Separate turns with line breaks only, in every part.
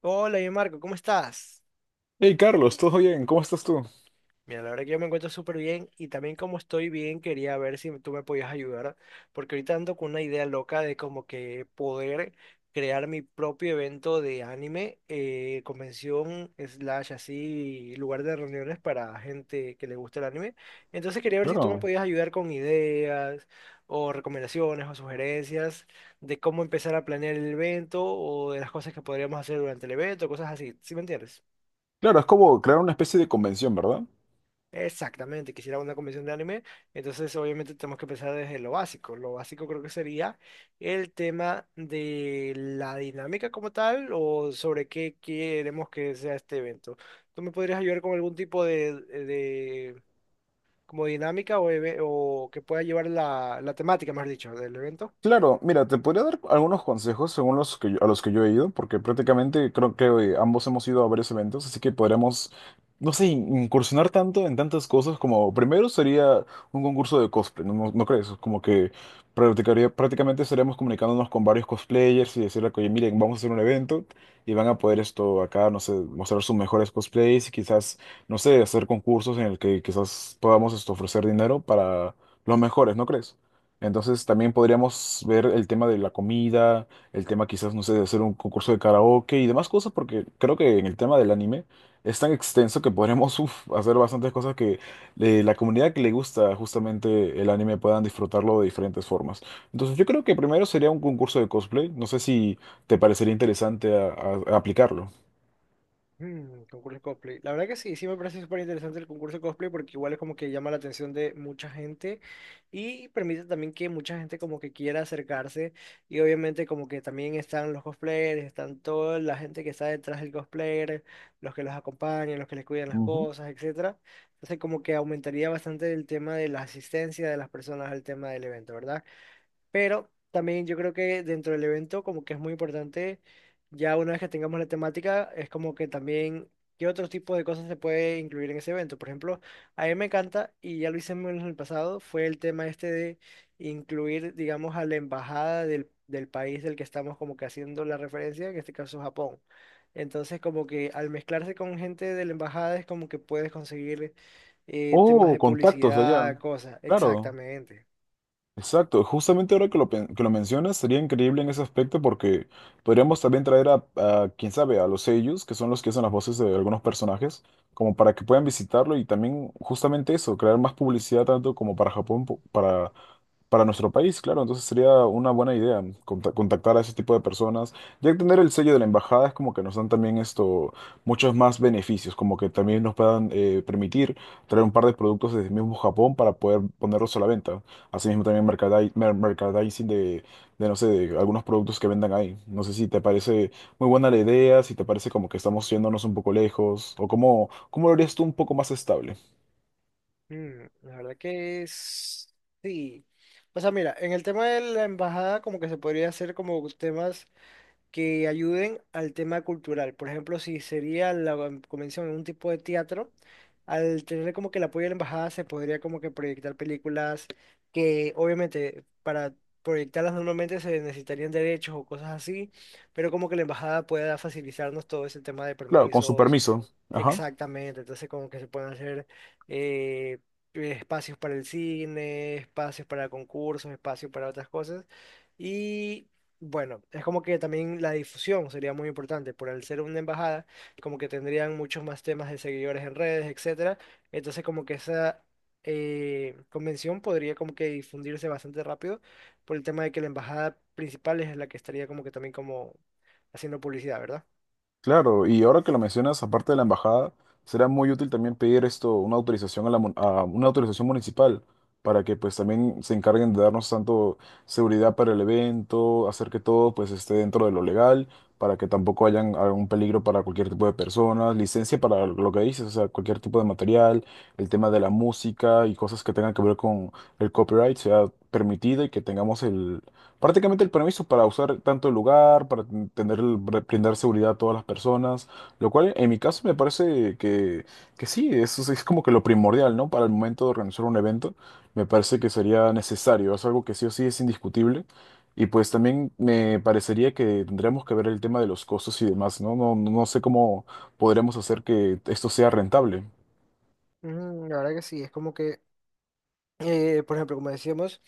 Hola, bien Marco, ¿cómo estás?
Hey Carlos, ¿todo bien? ¿Cómo estás tú?
Mira, la verdad que yo me encuentro súper bien y también como estoy bien, quería ver si tú me podías ayudar, porque ahorita ando con una idea loca de como que poder crear mi propio evento de anime, convención, slash, así, lugar de reuniones para gente que le gusta el anime. Entonces quería ver si tú me
Claro,
podías ayudar con ideas o recomendaciones o sugerencias de cómo empezar a planear el evento o de las cosas que podríamos hacer durante el evento, cosas así, ¿sí me entiendes?
claro, es como crear una especie de convención, ¿verdad?
Exactamente, quisiera una convención de anime, entonces obviamente tenemos que empezar desde lo básico. Lo básico creo que sería el tema de la dinámica como tal o sobre qué queremos que sea este evento. ¿Tú me podrías ayudar con algún tipo de como dinámica o, o que pueda llevar la temática, más dicho, del evento?
Claro, mira, te podría dar algunos consejos según a los que yo he ido, porque prácticamente creo que ambos hemos ido a varios eventos, así que podríamos, no sé, incursionar tanto en tantas cosas como primero sería un concurso de cosplay, ¿no crees? Como que prácticamente estaríamos comunicándonos con varios cosplayers y decirle, oye, miren, vamos a hacer un evento y van a poder esto acá, no sé, mostrar sus mejores cosplays y quizás, no sé, hacer concursos en el que quizás podamos esto, ofrecer dinero para los mejores, ¿no crees? Entonces también podríamos ver el tema de la comida, el tema quizás, no sé, de hacer un concurso de karaoke y demás cosas, porque creo que en el tema del anime es tan extenso que podremos uf, hacer bastantes cosas que la comunidad que le gusta justamente el anime puedan disfrutarlo de diferentes formas. Entonces yo creo que primero sería un concurso de cosplay, no sé si te parecería interesante a aplicarlo.
Mm, concurso de cosplay. La verdad que sí, sí me parece súper interesante el concurso de cosplay porque igual es como que llama la atención de mucha gente y permite también que mucha gente como que quiera acercarse y obviamente como que también están los cosplayers, están toda la gente que está detrás del cosplayer, los que los acompañan, los que les cuidan las
Ujú.
cosas, etcétera. Entonces como que aumentaría bastante el tema de la asistencia de las personas al tema del evento, ¿verdad? Pero también yo creo que dentro del evento como que es muy importante, ya una vez que tengamos la temática, es como que también qué otro tipo de cosas se puede incluir en ese evento. Por ejemplo, a mí me encanta, y ya lo hicimos en el pasado, fue el tema este de incluir, digamos, a la embajada del país del que estamos como que haciendo la referencia, en este caso Japón. Entonces como que al mezclarse con gente de la embajada es como que puedes conseguir temas
Oh,
de
contactos de
publicidad,
allá.
cosas.
Claro.
Exactamente.
Exacto, justamente ahora que lo mencionas, sería increíble en ese aspecto porque podríamos también traer a quién sabe, a los sellos, que son los que hacen las voces de algunos personajes, como para que puedan visitarlo y también justamente eso, crear más publicidad tanto como para Japón, para nuestro país, claro, entonces sería una buena idea contactar a ese tipo de personas. Ya que tener el sello de la embajada es como que nos dan también esto, muchos más beneficios, como que también nos puedan permitir traer un par de productos desde mismo Japón para poder ponerlos a la venta. Asimismo también merchandising de no sé, de algunos productos que vendan ahí. No sé si te parece muy buena la idea, si te parece como que estamos yéndonos un poco lejos, o cómo lo harías tú un poco más estable.
Mm, la verdad que es... Sí. O sea, mira, en el tema de la embajada como que se podría hacer como temas que ayuden al tema cultural. Por ejemplo, si sería la convención en un tipo de teatro, al tener como que el apoyo de la embajada se podría como que proyectar películas que obviamente para proyectarlas normalmente se necesitarían derechos o cosas así, pero como que la embajada pueda facilitarnos todo ese tema de
Claro, con su
permisos.
permiso. Ajá.
Exactamente, entonces como que se pueden hacer eh, espacios para el cine, espacios para concursos, espacios para otras cosas. Y bueno, es como que también la difusión sería muy importante, por al ser una embajada, como que tendrían muchos más temas de seguidores en redes, etcétera. Entonces como que esa convención podría como que difundirse bastante rápido por el tema de que la embajada principal es la que estaría como que también como haciendo publicidad, ¿verdad?
Claro, y ahora que lo mencionas, aparte de la embajada, será muy útil también pedir esto, una autorización a una autorización municipal para que pues también se encarguen de darnos tanto seguridad para el evento, hacer que todo pues esté dentro de lo legal, para que tampoco hayan algún peligro para cualquier tipo de personas, licencia para lo que dices, o sea, cualquier tipo de material, el tema de la música y cosas que tengan que ver con el copyright sea permitida y que tengamos prácticamente el permiso para usar tanto el lugar, para tener, brindar seguridad a todas las personas, lo cual en mi caso me parece que sí, eso es como que lo primordial, ¿no? Para el momento de organizar un evento, me parece que sería necesario, es algo que sí o sí es indiscutible. Y pues también me parecería que tendríamos que ver el tema de los costos y demás, ¿no? No, no sé cómo podríamos hacer que esto sea rentable.
Ujú. La verdad que sí, es como que por ejemplo, como decíamos,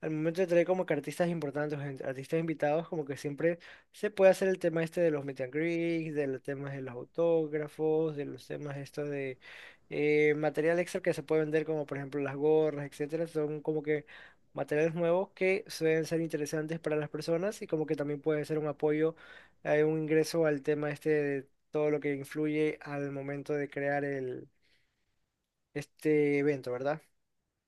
al momento de traer como que artistas importantes, gente- artistas invitados, como que siempre se puede hacer el tema este de los meet and greets, de los temas de los autógrafos, de los temas estos de material extra que se puede vender, como por ejemplo las gorras, etcétera, son como que materiales nuevos que suelen ser interesantes para las personas y como que también puede ser un apoyo, un ingreso al tema este de todo lo que influye al momento de crear el, este evento, ¿verdad?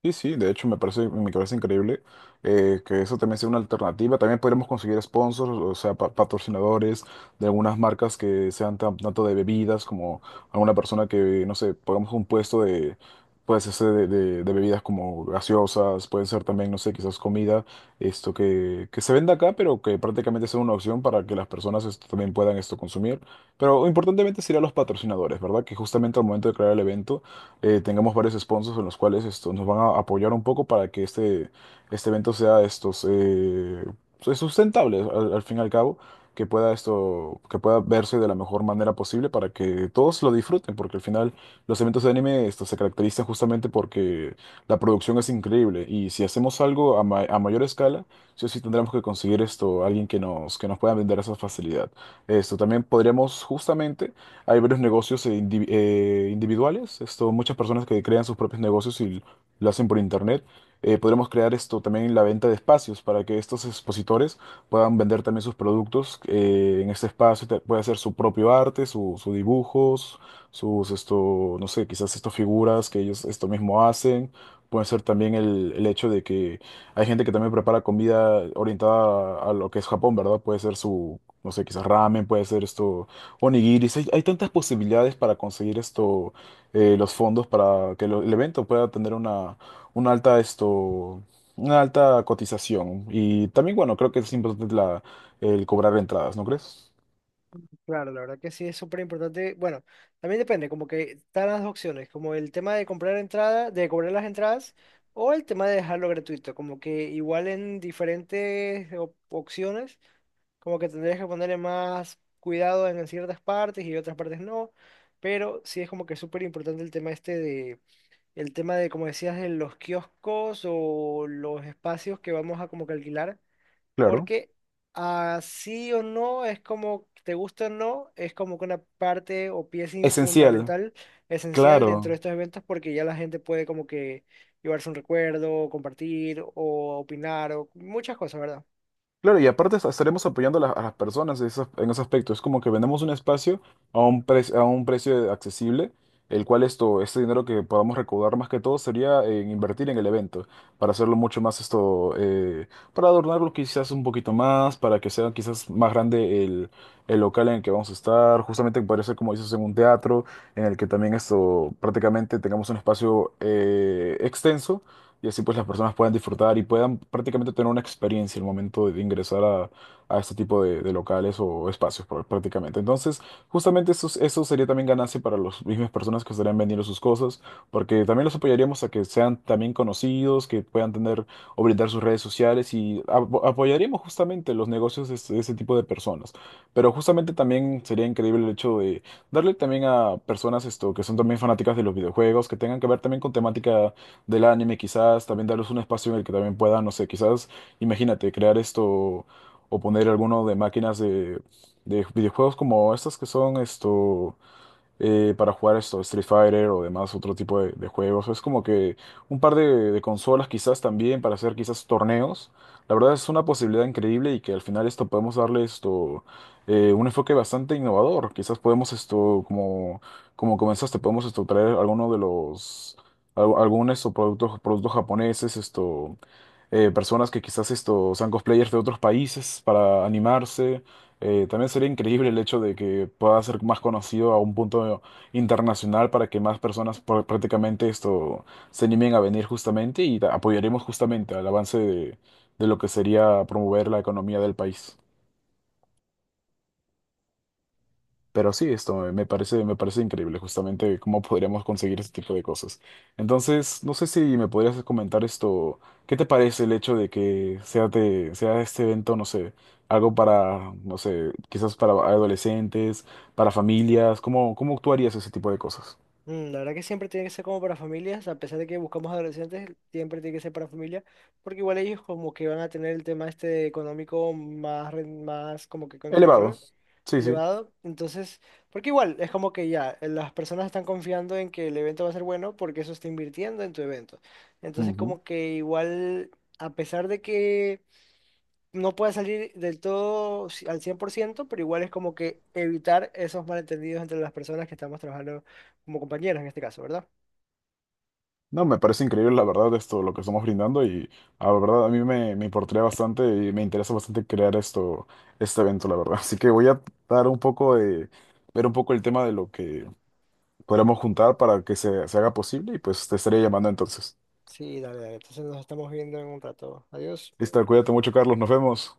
Sí, sí, de hecho me parece increíble que eso también sea una alternativa. También podríamos conseguir sponsors, o sea, patrocinadores de algunas marcas que sean tanto de bebidas como alguna persona que, no sé, pongamos un puesto de, puede ser de bebidas como gaseosas, puede ser también, no sé, quizás comida, esto que se venda acá, pero que prácticamente sea una opción para que las personas esto, también puedan esto consumir. Pero importantemente serían los patrocinadores, ¿verdad? Que justamente al momento de crear el evento tengamos varios sponsors en los cuales esto, nos van a apoyar un poco para que este evento sea estos, pues, sustentable al fin y al cabo, que que pueda verse de la mejor manera posible para que todos lo disfruten, porque al final los eventos de anime esto, se caracterizan justamente porque la producción es increíble y si hacemos algo a mayor escala, sí o sí tendremos que conseguir esto, alguien que que nos pueda vender esa facilidad. Esto también podríamos justamente hay varios negocios individuales, esto, muchas personas que crean sus propios negocios y lo hacen por internet. Podremos crear esto también la venta de espacios para que estos expositores puedan vender también sus productos en este espacio. Puede hacer su propio arte, su dibujos, sus esto, no sé, quizás estas figuras que ellos esto mismo hacen. Puede ser también el hecho de que hay gente que también prepara comida orientada a lo que es Japón, ¿verdad? Puede ser su, no sé, quizás ramen, puede ser esto Onigiris, hay tantas posibilidades para conseguir esto, los fondos para que el evento pueda tener una, una alta esto, una alta cotización. Y también, bueno, creo que es importante el cobrar entradas, ¿no crees?
Claro, la verdad que sí es súper importante. Bueno, también depende, como que están las dos opciones, como el tema de comprar entrada, de cobrar las entradas, o el tema de dejarlo gratuito, como que igual en diferentes op- opciones, como que tendrías que ponerle más cuidado en ciertas partes y otras partes no, pero sí es como que súper importante el tema este de, el tema de, como decías, de los kioscos o los espacios que vamos a como que alquilar
Claro.
porque así o no, es como, te gusta o no, es como que una parte o pieza in-
Esencial,
fundamental, esencial dentro de
claro.
estos eventos, porque ya la gente puede como que llevarse un recuerdo, compartir o opinar o muchas cosas, ¿verdad?
Claro, y aparte estaremos apoyando a a las personas en ese aspecto. Es como que vendemos un espacio a a un precio accesible, el cual esto, este dinero que podamos recaudar más que todo sería en invertir en el evento, para hacerlo mucho más esto, para adornarlo quizás un poquito más, para que sea quizás más grande el local en el que vamos a estar. Justamente parece como dices, en un teatro, en el que también esto prácticamente tengamos un espacio extenso y así pues las personas puedan disfrutar y puedan prácticamente tener una experiencia al momento ingresar a este tipo de locales o espacios prácticamente. Entonces, justamente eso, eso sería también ganancia para las mismas personas que estarían vendiendo sus cosas, porque también los apoyaríamos a que sean también conocidos, que puedan tener o brindar sus redes sociales y apoyaríamos justamente los negocios de ese tipo de personas. Pero justamente también sería increíble el hecho de darle también a personas esto que son también fanáticas de los videojuegos, que tengan que ver también con temática del anime, quizás también darles un espacio en el que también puedan, no sé, quizás, imagínate, crear esto o poner alguno de máquinas de videojuegos como estas que son esto para jugar esto, Street Fighter o demás, otro tipo de juegos. Es como que un par de consolas quizás también para hacer quizás torneos. La verdad es una posibilidad increíble y que al final esto podemos darle esto un enfoque bastante innovador. Quizás podemos esto, como, como comenzaste, podemos esto traer alguno de los al- algunos o productos, productos japoneses, esto personas que quizás esto sean cosplayers de otros países para animarse. También sería increíble el hecho de que pueda ser más conocido a un punto internacional para que más personas prácticamente esto se animen a venir justamente y apoyaremos justamente al avance de lo que sería promover la economía del país. Pero sí, esto me parece increíble, justamente cómo podríamos conseguir ese tipo de cosas. Entonces, no sé si me podrías comentar esto, ¿qué te parece el hecho de que sea este evento, no sé, algo para, no sé, quizás para adolescentes, para familias? ¿Cómo tú harías ese tipo de cosas?
Mm, la verdad que siempre tiene que ser como para familias, a pesar de que buscamos adolescentes, siempre tiene que ser para familia, porque igual ellos como que van a tener el tema este económico más, ren- más como que con
Elevado.
control
Sí, sí.
elevado. Entonces, porque igual es como que ya las personas están confiando en que el evento va a ser bueno porque eso está invirtiendo en tu evento. Entonces, como que igual, a pesar de que no puede salir del todo ci- al 100%, pero igual es como que evitar esos malentendidos entre las personas que estamos trabajando como compañeros en este caso, ¿verdad?
No, me parece increíble la verdad esto, lo que estamos brindando y la verdad a mí me importaría bastante y me interesa bastante crear esto, este evento, la verdad. Así que voy a dar un poco de, ver un poco el tema de lo que podremos juntar para que se haga posible y pues te estaré llamando entonces.
Sí, dale, dale. Entonces nos estamos viendo en un rato. Adiós.
Listo, cuídate mucho, Carlos, nos vemos.